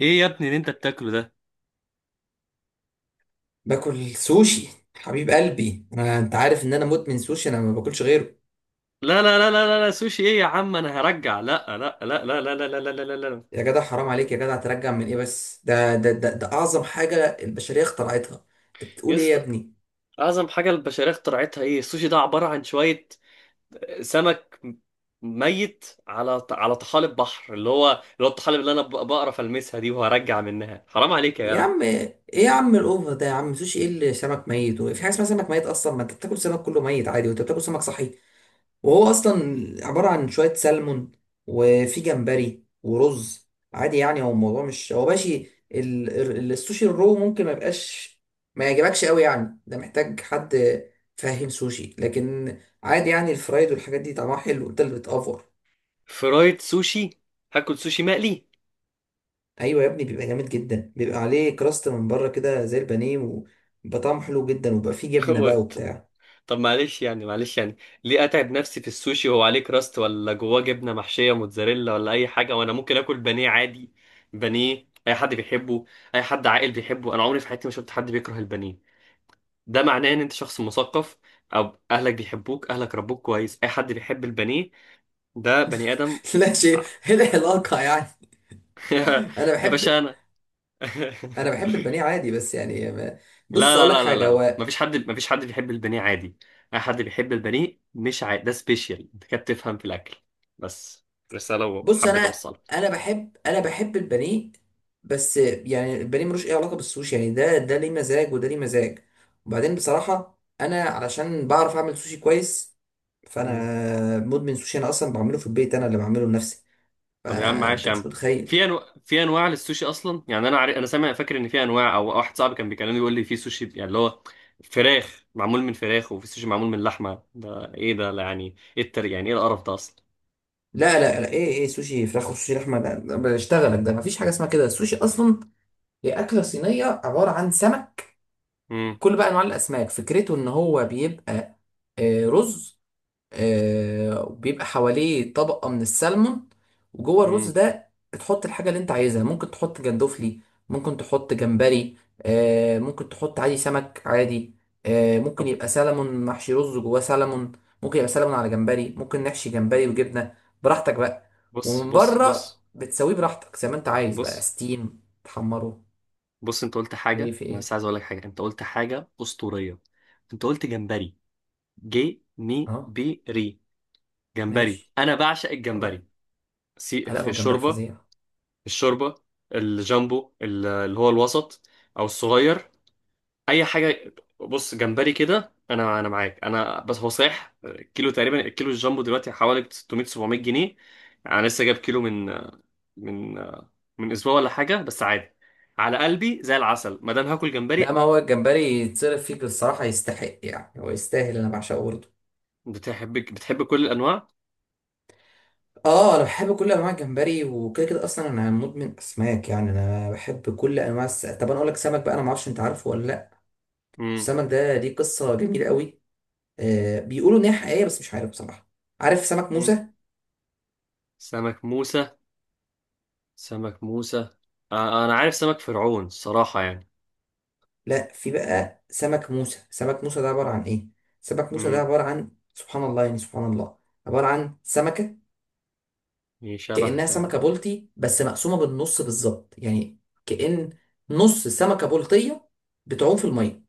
ايه يا ابني اللي انت بتاكله ده؟ باكل سوشي. حبيب قلبي، انا انت عارف ان انا مدمن سوشي، انا ما باكلش غيره. لا لا لا لا لا لا، سوشي ايه يا عم؟ انا هرجع. لا لا لا لا لا لا لا لا لا لا لا. يا جدع حرام عليك يا جدع، ترجع من ايه؟ بس ده اعظم حاجه البشريه اخترعتها. انت يا بتقول ايه يا اسطى، ابني؟ اعظم حاجه البشريه اخترعتها ايه؟ السوشي ده عباره عن شويه سمك ميت على طحالب بحر، اللي هو الطحالب اللي انا بقرف المسها دي، وهرجع منها. حرام عليك يا يا جدع. عم ايه يا عم الاوفر ده يا عم، سوشي ايه اللي سمك ميت؟ وفي حاجه اسمها سمك ميت اصلا؟ ما انت بتاكل سمك كله ميت عادي، وانت بتاكل سمك صحي، وهو اصلا عباره عن شويه سلمون وفي جمبري ورز، عادي يعني، هو الموضوع مش هو ماشي. السوشي الرو ممكن ما يبقاش ما يعجبكش قوي، يعني ده محتاج حد فاهم سوشي، لكن عادي يعني. الفرايد والحاجات دي طعمها حلو، انت اللي بتأفور. فرايد سوشي؟ هاكل سوشي مقلي؟ ايوه يا ابني، بيبقى جامد جدا، بيبقى عليه كراست من بره كده زي البانيه، وبيبقى طعمه حلو جدا، وبيبقى فيه جبنه بقى وبتاع. طب معلش يعني، ليه اتعب نفسي في السوشي وهو عليه كراست ولا جواه جبنه محشيه موتزاريلا ولا اي حاجه، وانا ممكن اكل بانيه عادي؟ بانيه اي حد بيحبه، اي حد عاقل بيحبه. انا عمري في حياتي ما شفت حد بيكره البانيه. ده معناه ان انت شخص مثقف، او اهلك بيحبوك، اهلك ربوك كويس. اي حد بيحب البانيه ده بني ادم. لا شيء، ايه العلاقه يعني؟ انا يا بحب، باشا انا انا بحب البانيه عادي، بس يعني لا بص لا اقول لك لا لا حاجه، لا لا. هو مفيش حد، مفيش حد بيحب البانيه عادي. اي حد بيحب البانيه مش عادي، ده سبيشال. انت كده بتفهم في الاكل. بس رساله بص وحبيت انا، اوصلها. انا بحب انا بحب البانيه، بس يعني البانيه ملوش اي علاقه بالسوشي، يعني ده ليه مزاج وده ليه مزاج. وبعدين بصراحه انا علشان بعرف اعمل سوشي كويس، مم. فانا مدمن سوشي، انا اصلا بعمله في البيت، انا اللي بعمله لنفسي، طب يا عم معلش فانت يا مش عم، متخيل. في انواع، للسوشي اصلا. يعني انا عارف، انا سامع، فاكر ان في انواع، او واحد صاحبي كان بيكلمني يقول لي في سوشي يعني اللي هو فراخ، معمول من فراخ، وفي سوشي معمول من لحمه. ده ايه ده؟ لا، يعني ايه التر، يعني ايه القرف ده اصلا؟ لا ايه؟ ايه سوشي فراخ وسوشي لحمه؟ ده بشتغلك، ده مفيش حاجه اسمها كده. السوشي اصلا هي اكله صينيه عباره عن سمك، امم كل بقى انواع الاسماك. فكرته ان هو بيبقى آه، رز، آه، وبيبقى حواليه طبقة من السلمون، وجوه الرز امم. ده بتحط الحاجة اللي انت عايزها، ممكن تحط جندوفلي، ممكن تحط جمبري، آه، ممكن تحط عادي سمك عادي، آه، ممكن طب يبقى سلمون محشي رز جواه سلمون، ممكن يبقى سلمون على جمبري، ممكن نحشي جمبري وجبنة، براحتك بقى. بص ومن بص بره بص بتسويه براحتك زي ما انت عايز بقى، بص ستيم، تحمره. بص، انت قلت ايه حاجة، في انا بس ايه؟ عايز اقول لك حاجة. انت قلت حاجة أسطورية. انت قلت جمبري. جي مي، اه بي ري. جمبري، ماشي، انا بعشق طيب. الجمبري. آه، سي لا هو في الجمبري الشوربة، فظيع. في الشوربة. الجامبو، اللي هو الوسط، او الصغير، اي حاجة. بص، جمبري كده، انا معاك. انا بس هو صحيح، كيلو تقريبا، الكيلو الجامبو دلوقتي حوالي 600 700 جنيه. يعني انا لسه جايب كيلو من من من اسبوع ولا حاجه، بس عادي على قلبي زي العسل ما دام هاكل لا جمبري. ما هو الجمبري يتصرف فيك الصراحة، يستحق يعني، هو يستاهل، أنا بعشقه برضه. بتحب كل الانواع؟ اه انا بحب كل انواع الجمبري، وكده كده اصلا انا مدمن اسماك، يعني انا بحب كل انواع طب انا اقول لك سمك بقى، انا ما اعرفش انت عارفه ولا لا. امم السمك ده ليه قصه جميله قوي، آه بيقولوا ان هي حقيقيه بس مش عارف بصراحه. عارف سمك امم. موسى؟ سمك موسى؟ سمك موسى؟ آه، انا عارف سمك فرعون الصراحه يعني. لا، في بقى سمك موسى. سمك موسى ده عباره عن ايه؟ سمك موسى ده امم. عباره عن سبحان الله يعني، سبحان الله، عباره عن سمكه إيه شبه؟ كأنها سمكة بلطي بس مقسومة بالنص بالظبط يعني، كأن نص سمكة بلطية بتعوم في المية.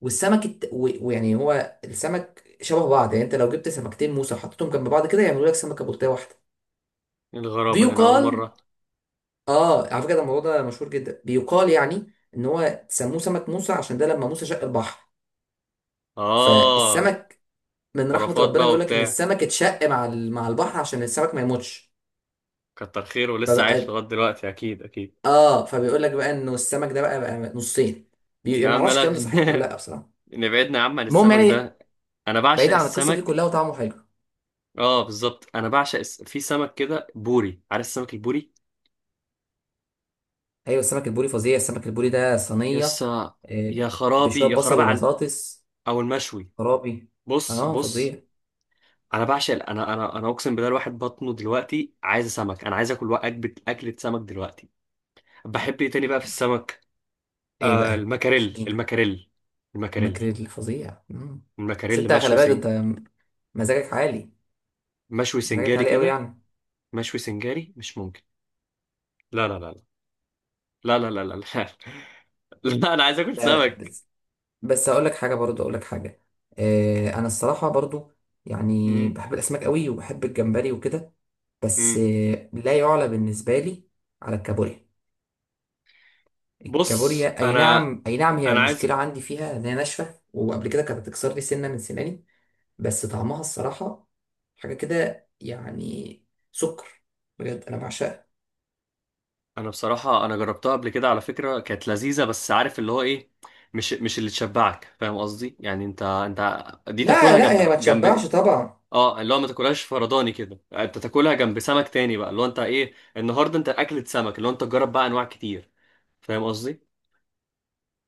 والسمك الت... و- ويعني هو السمك شبه بعض، يعني انت لو جبت سمكتين موسى وحطيتهم جنب بعض كده، يعملوا لك سمكة بلطية واحدة. الغرابه، ده انا اول بيقال، مره. اه على فكرة ده الموضوع ده مشهور جدا، بيقال يعني ان هو سموه سمك موسى عشان ده لما موسى شق البحر، اه، فالسمك من رحمة خرافات ربنا، بقى بيقول لك ان وبتاع. السمك اتشق مع مع البحر عشان السمك ما يموتش. كتر خيره ولسه عايش فبقى، لغايه دلوقتي، اكيد اكيد. اه فبيقول لك بقى انه السمك ده بقى نصين. يا يعني ما عم اعرفش الكلام لا، ده صحيح ولا لا بصراحه. نبعدنا يا عم عن المهم السمك يعني، ده. انا بعيد بعشق عن القصه دي السمك. كلها، وطعمه حلو. اه بالظبط، انا بعشق الس... في سمك كده بوري، عارف السمك البوري؟ ايوه السمك البوري فظيع، السمك البوري ده صينيه، يسا، آه، يا بشويه خرابي يا بصل خرابي على، وبطاطس، او المشوي. خرابي، بص اه بص. فظيع. انا بعشق انا اقسم بالله، الواحد بطنه دلوقتي عايز سمك. انا عايز اكل اكله، اكله سمك دلوقتي. بحب ايه تاني بقى في السمك؟ ايه آه، بقى المكاريل شجيني؟ المكاريل. المكاريل. الماكريل فظيع، مم. بس المكاريل انت خلي مشوي بالك انت، مزاجك عالي، مشوي مزاجك سنجاري عالي قوي كده. يعني. مشوي سنجاري مش ممكن. لا لا لا لا لا لا لا لا لا، لا انا عايز اكل لا لا، سمك. بس بس اقول لك حاجه برضو، اقول لك حاجه، آه انا الصراحه برضو يعني مم. بحب الاسماك قوي، وبحب الجمبري وكده، بس مم. لا يعلى بالنسبة لي على الكابوريا. بص الكابوريا أي انا، نعم أي نعم، هي انا المشكلة عايز عندي فيها إن هي ناشفة، وقبل كده كانت بتكسر لي سنة من سناني، بس طعمها الصراحة حاجة كده يعني، سكر، بجد أنا بعشقها. انا بصراحه انا جربتها قبل كده على فكره، كانت لذيذه، بس عارف اللي هو ايه؟ مش اللي تشبعك، فاهم قصدي؟ يعني انت، انت دي تاكلها لا لا هي ما جنب تشبعش جنب. طبعا. اه، اللي هو ما تاكلهاش فرداني كده، انت تاكلها جنب سمك تاني بقى. اللي هو انت ايه النهارده؟ انت اكلة سمك، اللي هو انت تجرب بقى انواع كتير، فاهم قصدي؟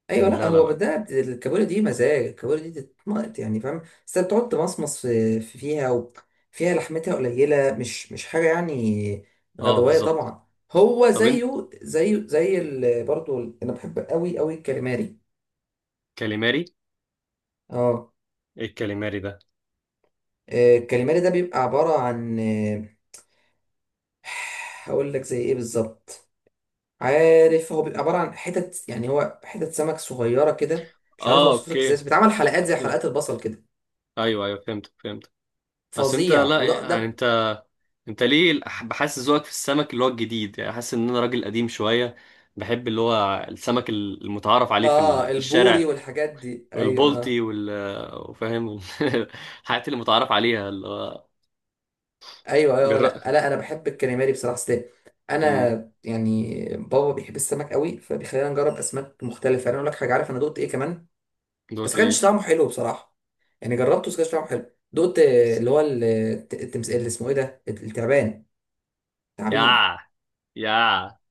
ايوه، يعني لا لا لا هو لا. ده الكابوريا دي مزاج، الكابوريا دي تتمقط يعني فاهم، بس انت تقعد تمصمص فيها، وفيها لحمتها قليله، مش مش حاجه يعني، اه غدوايه بالظبط. طبعا. هو طب انت، زيه زيه زي برضو انا بحب قوي قوي الكاليماري. كاليماري؟ اه، ايه الكاليماري ده؟ آه، الكاليماري ده بيبقى عباره عن آه، هقول لك زي ايه بالظبط، عارف هو بيبقى عباره عن حتت يعني، هو حتت سمك صغيره كده، مش عارف اه اوصف لك ازاي، اوكي. بس بيتعمل حلقات زي مم. حلقات البصل كده، ايوه ايوه، فهمت فهمت. بس انت، فظيع. لا وده يعني ده انت، انت ليه بحس ذوقك في السمك اللي هو الجديد؟ يعني حاسس ان انا راجل قديم شويه، بحب اللي هو السمك المتعارف عليه اه، في البوري الشارع، والحاجات دي، ايوه والبلطي اه. وال، وفاهم الحاجات اللي متعارف عليها، اللي هو ايوه جر... لا لا انا بحب الكاليماري بصراحه. أصل امم. انا يعني بابا بيحب السمك قوي، فبيخلينا نجرب اسماك مختلفه. انا اقول لك حاجه، عارف انا دقت ايه كمان؟ بس دوت ما ايه؟ كانش طعمه حلو بصراحه، يعني جربته بس ما كانش طعمه حلو. دقت آه، اللي هو التمس، اللي اسمه ايه ده، التعبان، تعبين. يا، يا،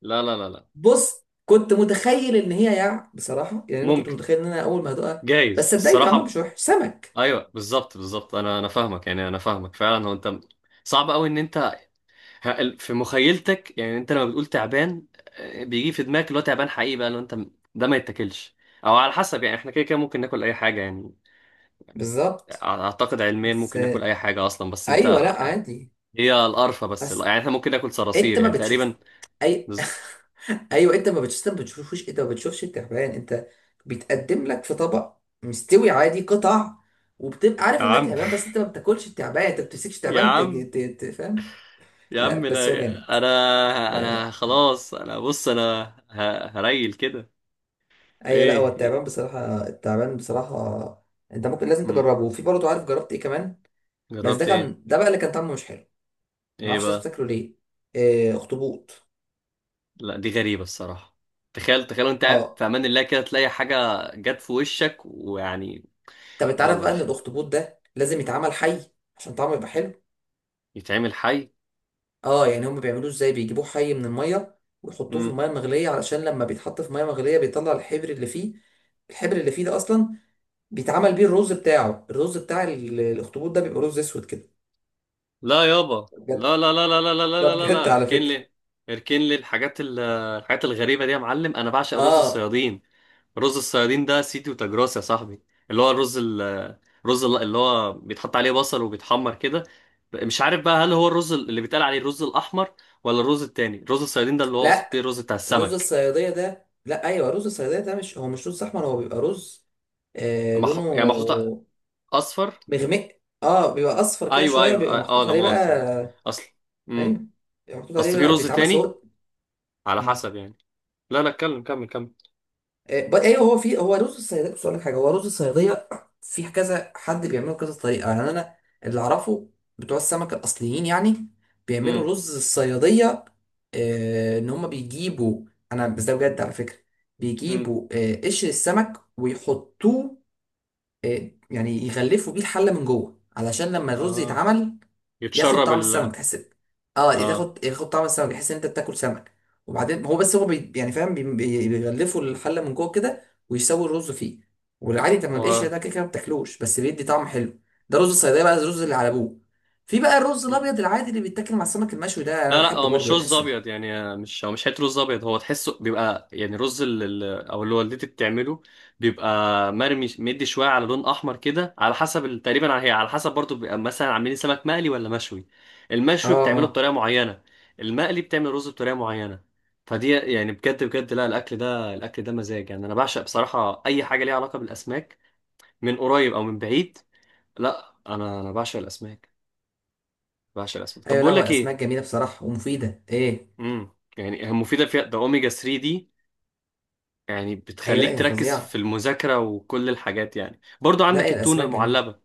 لا لا لا لا. بص كنت متخيل ان هي يع بصراحه يعني، انا كنت ممكن، متخيل ان انا اول ما هدوقها، بس جايز صدقني الصراحه طعمها ب... مش وحش، سمك ايوه بالظبط بالظبط. انا فاهمك، يعني انا فاهمك فعلا. هو انت، صعب قوي ان انت، في مخيلتك، يعني انت لما بتقول تعبان، آه، بيجي في دماغك اللي هو تعبان حقيقي بقى. لو انت ده ما يتاكلش، او على حسب. يعني احنا كده كده ممكن ناكل اي حاجه يعني. بالظبط. اعتقد علميا بس ممكن ناكل آه، اي حاجه اصلا، بس انت ايوه لا عادي. هي القرفه بس بس يعني احنا ممكن ناكل انت صراصير ما يعني تقريبا. بتشوف اي بز- ايوه انت ما بتشوفش، انت ما بتشوفش انت ما بتشوفش التعبان، انت بيتقدم لك في طبق مستوي عادي قطع، وبتبقى عارف يا ان ده عم تعبان، بس انت ما بتاكلش التعبان، انت ما بتمسكش يا تعبان عم، فاهم. يا عم لا انا، بس هو جامد، انا لا انا لا خلاص انا، بص انا هريل كده. ايوه. لا هو ايه إيه؟ التعبان بصراحه، التعبان بصراحه انت ممكن لازم مم. تجربه. وفي برضه، عارف جربت ايه كمان؟ بس ده جربت ايه؟ كان، ده بقى اللي كان طعمه مش حلو، ما ايه اعرفش الناس بقى؟ بتاكله ليه. آه، اخطبوط. لا دي غريبة الصراحة. تخيل تخيل وانت قاعد اه في امان الله كده تلاقي حاجة جت في وشك، ويعني، طب انت عارف يلا بقى مش، ان الاخطبوط ده لازم يتعمل حي عشان طعمه يبقى حلو؟ يتعمل حي؟ اه يعني هم بيعملوه ازاي؟ بيجيبوه حي من الميه ويحطوه في مم. الميه المغليه، علشان لما بيتحط في ميه مغليه بيطلع الحبر اللي فيه. الحبر اللي فيه ده اصلا بيتعمل بيه الرز بتاعه، الرز بتاع الاخطبوط ده بيبقى رز اسود كده، لا يابا. ده بجد، لا لا لا لا لا لا لا ده لا لا بجد لا، على اركن فكره. لي، اركن لي الحاجات الحاجات الغريبة دي يا معلم. انا بعشق رز اه الصيادين. رز الصيادين ده سيتي وتجراس يا صاحبي. اللي هو الرز اللي هو بيتحط عليه بصل وبيتحمر كده. مش عارف بقى، هل هو الرز اللي بيتقال عليه الرز الاحمر، ولا الرز التاني؟ رز الصيادين ده اللي هو اقصد بيه لا الرز بتاع رز السمك. الصياديه ده، لا ايوه رز الصياديه ده مش هو مش رز احمر، هو بيبقى رز آه لونه مح... يعني محطوطة. أصفر. مغمق، اه بيبقى اصفر كده أيوه شويه، أيوه بيبقى أه. آه، محطوط لا عليه مؤاخذة لا مؤاخذة. بقى. أصل، أمم. ايوه محطوط عليه، أصل في لا رز بيتعب بس تاني، هو، على مم. حسب يعني. لا لا، اتكلم، كمل كمل. آه، ايوه هو في، هو رز الصياديه، بس اقول لك حاجه، هو رز الصياديه في كذا حد بيعمله كذا طريقه، يعني انا اللي اعرفه بتوع السمك الاصليين يعني أمم. بيعملوا رز الصياديه آه، ان هم بيجيبوا، انا بس ده بجد على فكره، أمم. بيجيبوا آه، قشر السمك ويحطوه آه، يعني يغلفوا بيه الحله من جوه، علشان لما الرز آه، يتعمل ياخد يتشرب طعم ال، السمك، تحس اه آه. تاخد، ياخد طعم السمك، تحس ان انت بتاكل سمك. وبعدين هو، بس هو بي يعني فاهم، بيغلفوا الحله من جوه كده، ويسووا الرز فيه والعادي. طب ما القشر هو ده كده كده ما بتاكلوش، بس بيدي طعم حلو. ده رز الصيدليه بقى، الرز اللي على ابوه. في بقى الرز الابيض العادي اللي بيتاكل مع السمك المشوي، ده انا لا لا، هو بحبه برضه، مش يعني رز بحس ابيض، يعني مش، هو مش حته رز ابيض، هو تحسه بيبقى يعني رز او اللي والدتي بتعمله، بيبقى مرمي مدي شويه على لون احمر كده، على حسب تقريبا على، هي على حسب برضو، بيبقى مثلا عاملين سمك مقلي ولا مشوي. اه المشوي بتعمله اه. بطريقه معينه، المقلي بتعمل رز بطريقه معينه. فدي يعني بجد بجد، لا، الاكل ده، الاكل ده مزاج يعني. انا بعشق بصراحه اي حاجه ليها علاقه بالاسماك، من قريب او من بعيد. لا انا، بعشق الاسماك. بعشق الاسماك. طب ايوه لا بقول هو لك الاسماك ايه؟ جميله بصراحه ومفيده ايه. امم، يعني مفيده، في ده اوميجا 3 دي، يعني ايوه لا بتخليك هي تركز في فظيعه، المذاكره وكل الحاجات. يعني برضو لا عندك هي التونه الاسماك جميله. المعلبه،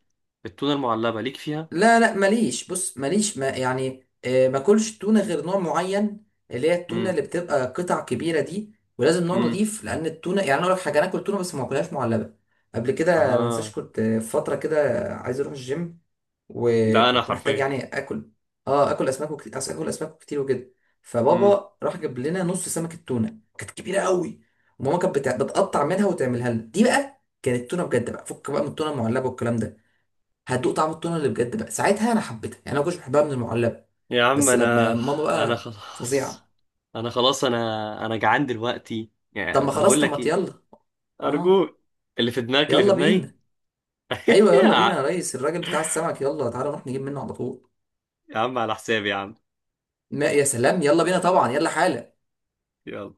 التونه المعلبه ليك فيها؟ لا لا ماليش، بص ماليش، ما يعني آه، باكلش تونة غير نوع معين، اللي هي التونة امم اللي بتبقى قطع كبيرة دي، ولازم نوع امم. نضيف، لأن التونة يعني، أنا أقول لك حاجة، أنا آكل تونة بس ما آكلهاش معلبة. قبل كده منساش، اه، كنت في فترة كده عايز أروح الجيم، ده انا وكنت محتاج حرفيا. يعني آكل، أه آكل أسماك وكتير، آكل أسماك كتير وكده، امم. فبابا راح جاب لنا نص سمكة تونة، كانت كبيرة قوي، وماما كانت بتقطع منها وتعملها لنا، دي بقى كانت تونة بجد بقى، فك بقى من التونة المعلبة والكلام ده، هتدوق طعم التونه اللي بجد بقى. ساعتها انا حبيتها، يعني انا ما كنتش بحبها من المعلبه، يا عم بس لما انا، ماما انا بقى خلاص فظيعه. انا خلاص انا جعان دلوقتي طب يعني. ما طب خلاص، بقول طب لك ما ايه؟ يلا، اه ارجوك، اللي في دماغك اللي في يلا دماغي. بينا. ايوه يلا بينا يا ريس، الراجل بتاع السمك، يلا تعالى نروح نجيب منه على طول. يا عم على حسابي يا عم. ما يا سلام، يلا بينا طبعا، يلا حالا. يلا.